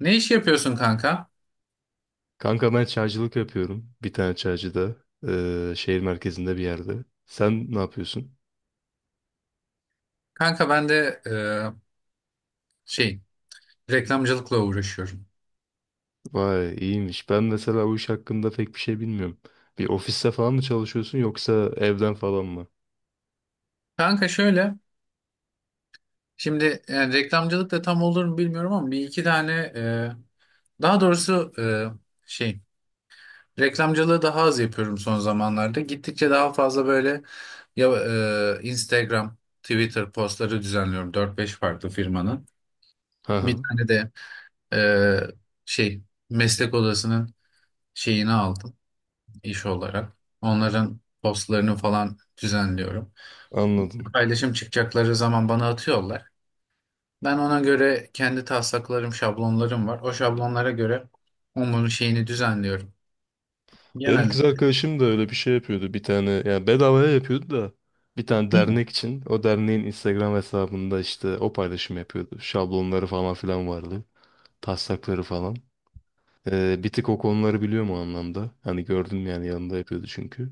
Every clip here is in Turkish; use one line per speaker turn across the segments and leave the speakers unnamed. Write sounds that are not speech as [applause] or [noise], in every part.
Ne iş yapıyorsun kanka?
Kanka ben çaycılık yapıyorum. Bir tane çaycıda. Şehir merkezinde bir yerde. Sen ne yapıyorsun?
Kanka ben de şey reklamcılıkla uğraşıyorum.
Vay iyiymiş. Ben mesela o iş hakkında pek bir şey bilmiyorum. Bir ofiste falan mı çalışıyorsun yoksa evden falan mı?
Kanka şöyle, şimdi yani reklamcılık da tam olur mu bilmiyorum ama bir iki tane daha doğrusu şey reklamcılığı daha az yapıyorum son zamanlarda. Gittikçe daha fazla böyle ya, Instagram, Twitter postları düzenliyorum 4 5 farklı firmanın.
Hı
Bir
hı,
tane de e, şey meslek odasının şeyini aldım. İş olarak. Onların postlarını falan düzenliyorum.
anladım.
Paylaşım çıkacakları zaman bana atıyorlar. Ben ona göre kendi taslaklarım, şablonlarım var. O şablonlara göre onun şeyini düzenliyorum.
Benim
Genelde.
kız arkadaşım da öyle bir şey yapıyordu. Bir tane yani bedavaya yapıyordu da bir tane
Hı.
dernek için. O derneğin Instagram hesabında işte o paylaşım yapıyordu. Şablonları falan filan vardı. Taslakları falan. Bir tık o konuları biliyorum o anlamda. Hani gördüm yani yanında yapıyordu çünkü.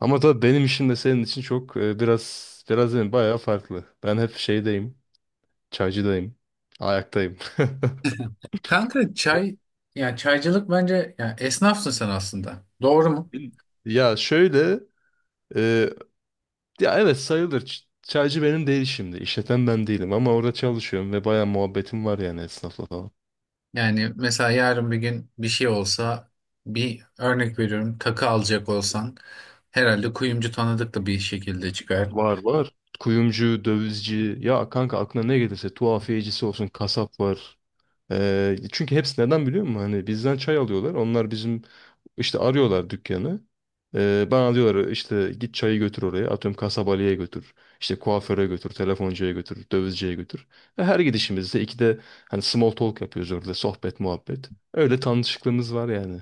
Ama tabii benim işim de senin için çok biraz biraz değil, bayağı farklı. Ben hep şeydeyim, çaycıdayım, ayaktayım. [laughs]
Kanka çay, yani çaycılık bence yani esnafsın sen aslında. Doğru mu?
Bil- Ya şöyle, e, ya evet sayılır. Çaycı benim değil şimdi. İşleten ben değilim ama orada çalışıyorum ve bayağı muhabbetim var yani esnafla falan.
Yani mesela yarın bir gün bir şey olsa, bir örnek veriyorum, takı alacak olsan herhalde kuyumcu tanıdık da bir şekilde çıkar.
Var var. Kuyumcu, dövizci, ya kanka aklına ne gelirse tuhafiyecisi olsun, kasap var. Çünkü hepsi neden biliyor musun? Hani bizden çay alıyorlar. Onlar bizim işte arıyorlar dükkanı. Bana diyorlar işte git çayı götür oraya. Atıyorum kasabalıya götür. İşte kuaföre götür, telefoncuya götür, dövizciye götür. Ve her gidişimizde ikide hani small talk yapıyoruz orada. Sohbet, muhabbet. Öyle tanışıklığımız var yani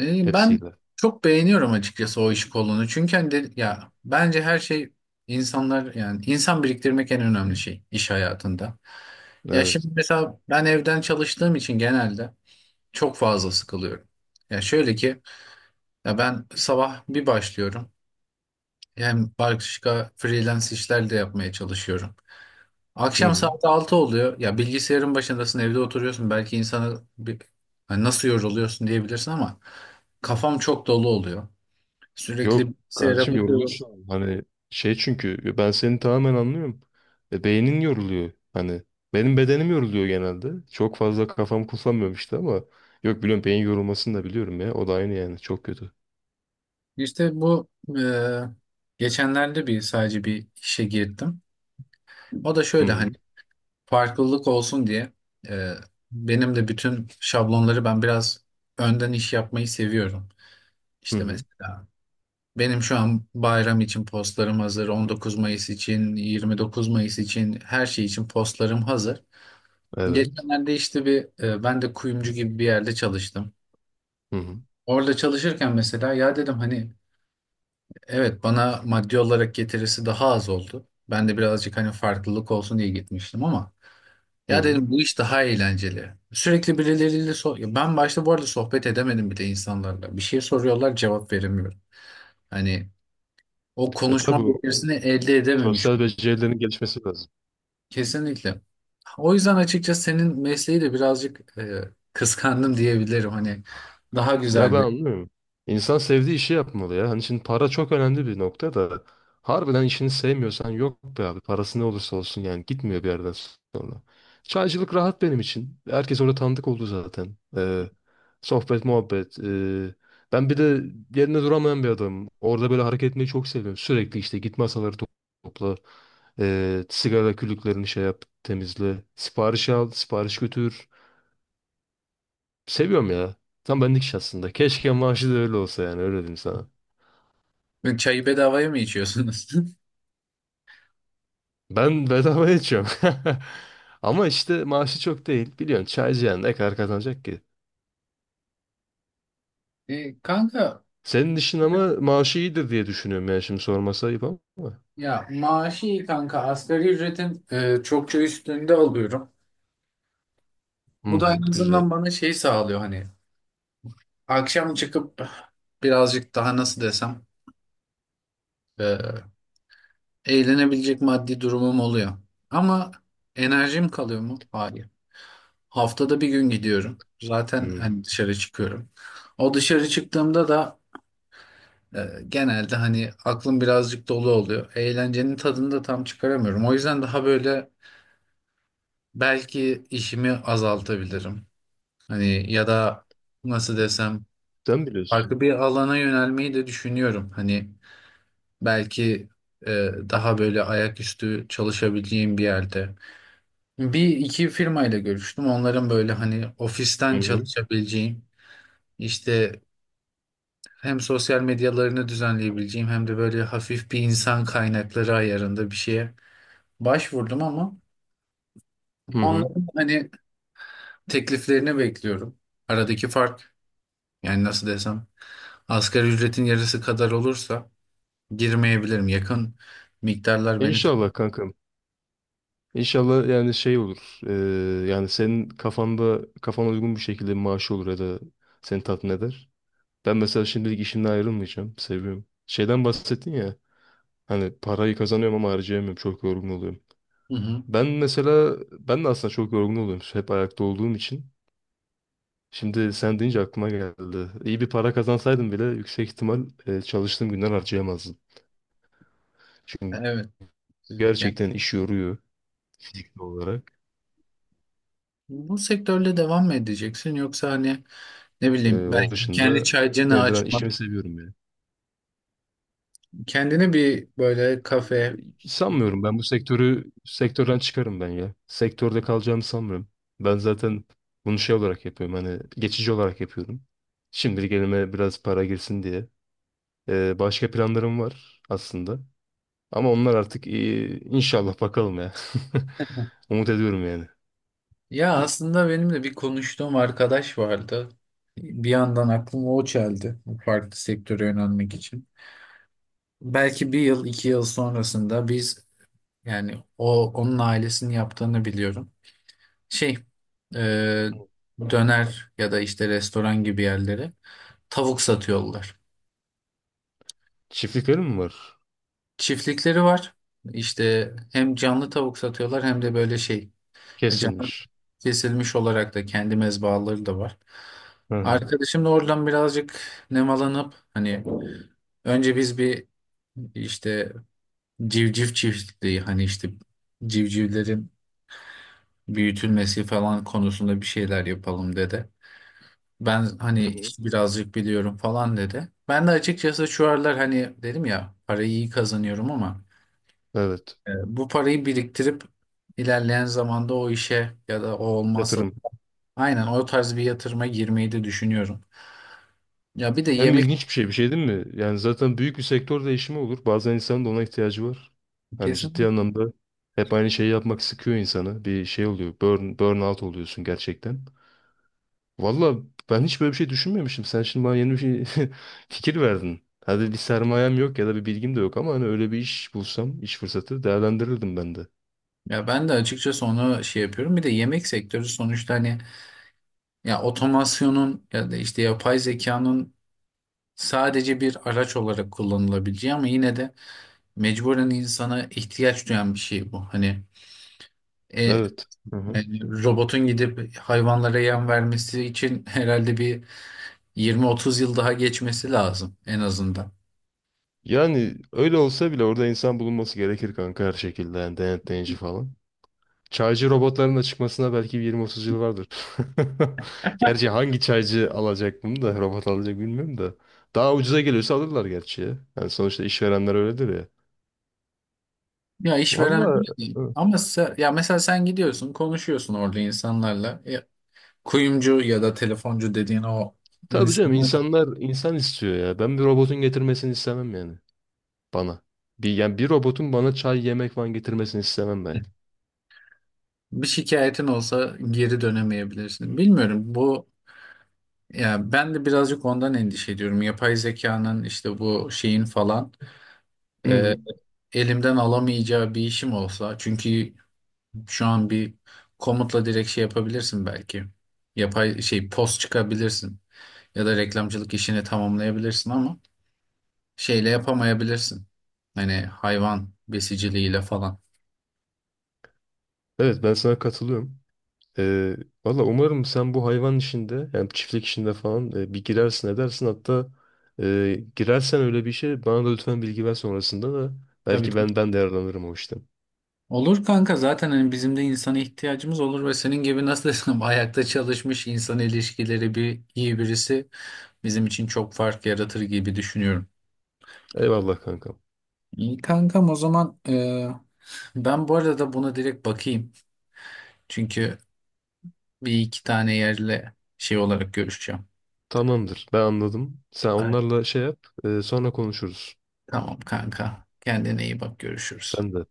Ben
hepsiyle.
çok beğeniyorum açıkçası o iş kolunu. Çünkü hani de- ya bence her şey insanlar, yani insan biriktirmek en önemli şey iş hayatında. Ya şimdi
Evet.
mesela ben evden çalıştığım için genelde çok fazla sıkılıyorum. Ya şöyle ki, ya ben sabah bir başlıyorum. Hem başka freelance işler de yapmaya çalışıyorum.
Hı
Akşam
hı.
saat 6 oluyor. Ya bilgisayarın başındasın, evde oturuyorsun. Belki insana bir, hani nasıl yoruluyorsun diyebilirsin ama kafam çok dolu oluyor. Sürekli
Yok
bilgisayara
kardeşim
bakıyorum.
yorulursun. Hani şey çünkü ben seni tamamen anlıyorum. Beynin yoruluyor. Hani benim bedenim yoruluyor genelde. Çok fazla kafam kullanmıyorum işte ama yok biliyorum beyin yorulmasını da biliyorum ya. O da aynı yani çok kötü.
İşte bu e, geçenlerde bir sadece bir işe girdim. O da
Hı
şöyle, hani
hı.
farklılık olsun diye e, benim de bütün şablonları ben biraz önden iş yapmayı seviyorum.
Hı
İşte
hı.
mesela benim şu an bayram için postlarım hazır, 19 Mayıs için, 29 Mayıs için her şey için postlarım hazır.
Evet.
Geçenlerde işte bir ben de kuyumcu gibi bir yerde çalıştım.
Hı hı.
Orada çalışırken mesela ya dedim hani evet, bana maddi olarak getirisi daha az oldu. Ben de birazcık hani farklılık olsun diye gitmiştim ama
Hı
ya
hı.
dedim bu iş daha eğlenceli. Sürekli birileriyle so- ya ben başta bu arada sohbet edemedim bile insanlarla. Bir şey soruyorlar, cevap veremiyorum. Hani o
E
konuşma
tabii
becerisini elde edememiş
sosyal
oldum.
becerilerin gelişmesi lazım.
Kesinlikle. O yüzden açıkçası senin mesleği de birazcık kıskandım diyebilirim. Hani daha
Ya ben
güzel
anlıyorum. İnsan sevdiği işi yapmalı ya. Hani şimdi para çok önemli bir nokta da. Harbiden işini sevmiyorsan yok be abi. Parası ne olursa olsun yani gitmiyor bir yerden sonra. Çaycılık rahat benim için. Herkes orada tanıdık oldu zaten. Sohbet, muhabbet. Ben bir de yerinde duramayan bir adamım. Orada böyle hareket etmeyi çok seviyorum. Sürekli işte git masaları topla. Sigara külüklerini şey yap, temizle. Sipariş al, sipariş götür. Seviyorum ya. Tam benlik iş aslında. Keşke maaşı da öyle olsa yani öyle diyeyim sana.
bir çayı bedavaya mı içiyorsunuz? [laughs]
Ben bedava içiyorum. [laughs] Ama işte maaşı çok değil. Biliyorsun çaycı yani ne kadar kazanacak ki?
Kanka,
Senin işin ama maaşı iyidir diye düşünüyorum yani şimdi sorması ayıp ama.
ya maaşı iyi kanka. Asgari ücretin çokça üstünde alıyorum.
Hı
Bu da
hı,
en
güzel.
azından bana şey sağlıyor, hani akşam çıkıp birazcık daha nasıl desem, e, eğlenebilecek maddi durumum oluyor. Ama enerjim kalıyor mu? Hayır. Haftada bir gün gidiyorum. Zaten
Hı.
hani dışarı çıkıyorum. O dışarı çıktığımda da genelde hani aklım birazcık dolu oluyor. Eğlencenin tadını da tam çıkaramıyorum. O yüzden daha böyle belki işimi azaltabilirim. Hani ya da nasıl desem,
Sen biliyorsun.
farklı bir alana yönelmeyi de düşünüyorum. Hani belki e, daha böyle ayaküstü çalışabileceğim bir yerde. Bir iki firmayla görüştüm. Onların böyle hani
Hı
ofisten
hı.
çalışabileceğim, işte hem sosyal medyalarını düzenleyebileceğim hem de böyle hafif bir insan kaynakları ayarında bir şeye başvurdum ama
Hı hı.
onların hani tekliflerini bekliyorum. Aradaki fark, yani nasıl desem, asgari ücretin yarısı kadar olursa girmeyebilirim. Yakın miktarlar beni tam.
İnşallah kankam. İnşallah yani şey olur. Yani senin kafanda kafana uygun bir şekilde bir maaşı olur ya da seni tatmin eder. Ben mesela şimdilik işimden ayrılmayacağım. Seviyorum. Şeyden bahsettin ya. Hani parayı kazanıyorum ama harcayamıyorum. Çok yorgun oluyorum.
Hı hı.
Ben mesela ben de aslında çok yorgun oluyorum. Hep ayakta olduğum için. Şimdi sen deyince aklıma geldi. İyi bir para kazansaydım bile yüksek ihtimal çalıştığım günden harcayamazdım. Çünkü
Evet. Yani
gerçekten iş yoruyor fiziki olarak.
bu sektörle devam mı edeceksin yoksa hani, ne
E,
bileyim,
onun
belki kendi
dışında
çaycını
yine de ben işimi
açmak,
seviyorum yani.
kendine bir böyle kafe.
Sanmıyorum ben bu sektörden çıkarım ben ya. Sektörde kalacağımı sanmıyorum. Ben zaten bunu şey olarak yapıyorum hani geçici olarak yapıyorum. Şimdilik elime biraz para girsin diye. Başka planlarım var aslında. Ama onlar artık iyi. İnşallah bakalım ya. [laughs] Umut ediyorum yani.
Ya aslında benim de bir konuştuğum arkadaş vardı. Bir yandan aklıma o çeldi bu farklı sektöre yönelmek için. Belki bir yıl, iki yıl sonrasında biz, yani o, onun ailesinin yaptığını biliyorum. Şey, e, döner ya da işte restoran gibi yerlere tavuk satıyorlar.
Çiftliklerim mi var?
Çiftlikleri var. İşte hem canlı tavuk satıyorlar hem de böyle şey, canlı
Kesilmiş.
kesilmiş olarak da kendi mezbahaları da var.
Hı hı.
Arkadaşım da oradan birazcık nemalanıp hani önce biz bir işte civciv çiftliği, hani işte civcivlerin büyütülmesi falan konusunda bir şeyler yapalım dedi. Ben hani
Hı hı.
işte birazcık biliyorum falan dedi. Ben de açıkçası şu aralar hani dedim ya parayı iyi kazanıyorum ama
Evet.
e, bu parayı biriktirip ilerleyen zamanda o işe ya da o olmazsa
Yatırım.
aynen o tarz bir yatırıma girmeyi de düşünüyorum. Ya bir de
Hem
yemek,
ilginç bir şey değil mi? Yani zaten büyük bir sektör değişimi olur. Bazen insanın da ona ihtiyacı var. Yani ciddi
kesin.
anlamda hep aynı şeyi yapmak sıkıyor insanı. Bir şey oluyor. Burnout oluyorsun gerçekten. Valla ben hiç böyle bir şey düşünmemişim. Sen şimdi bana yeni bir şey [laughs] fikir verdin. Hadi bir sermayem yok ya da bir bilgim de yok ama hani öyle bir iş bulsam, iş fırsatı değerlendirirdim ben de.
Ya ben de açıkçası onu şey yapıyorum. Bir de yemek sektörü sonuçta hani ya otomasyonun ya da işte yapay zekanın sadece bir araç olarak kullanılabileceği ama yine de mecburen insana ihtiyaç duyan bir şey bu. Hani E,
Evet. Hı hı.
yani robotun gidip hayvanlara yem vermesi için [laughs] herhalde bir 20-30 yıl daha geçmesi lazım en azından.
Yani öyle olsa bile orada insan bulunması gerekir kanka her şekilde. Yani denetleyici falan. Çaycı robotların da çıkmasına belki bir 20-30 yıl vardır. [laughs] Gerçi hangi çaycı alacak bunu da robot alacak bilmiyorum da. Daha ucuza geliyorsa alırlar gerçi ya. Yani sonuçta işverenler öyledir ya.
Ya işveren
Valla,
öyle değil. Ama se- ya mesela sen gidiyorsun, konuşuyorsun orada insanlarla. Kuyumcu ya da telefoncu dediğin o
tabii canım,
insanlar,
insanlar insan istiyor ya. Ben bir robotun getirmesini istemem yani bana. Yani bir robotun bana çay yemek falan getirmesini istemem ben.
bir şikayetin olsa geri dönemeyebilirsin. Bilmiyorum bu, ya ben de birazcık ondan endişe ediyorum. Yapay zekanın işte bu şeyin falan
Hı
e,
hı.
elimden alamayacağı bir işim olsa. Çünkü şu an bir komutla direkt şey yapabilirsin belki. Yapay şey post çıkabilirsin ya da reklamcılık işini tamamlayabilirsin ama şeyle yapamayabilirsin. Hani hayvan besiciliğiyle falan.
Evet ben sana katılıyorum. Ee, valla umarım sen bu hayvan işinde yani çiftlik işinde falan bir girersin edersin. Hatta girersen öyle bir şey bana da lütfen bilgi ver sonrasında da
Tabii.
belki ben de yararlanırım o işten.
Olur kanka, zaten hani bizim de insana ihtiyacımız olur ve senin gibi nasıl desem [laughs] ayakta çalışmış, insan ilişkileri bir iyi birisi bizim için çok fark yaratır gibi düşünüyorum.
Eyvallah kankam.
İyi kankam, o zaman ben bu arada buna direkt bakayım. Çünkü bir iki tane yerle şey olarak görüşeceğim.
Tamamdır ben anladım. Sen
Evet,
onlarla şey yap, sonra konuşuruz.
tamam kanka, kendine iyi bak, görüşürüz.
Sen de.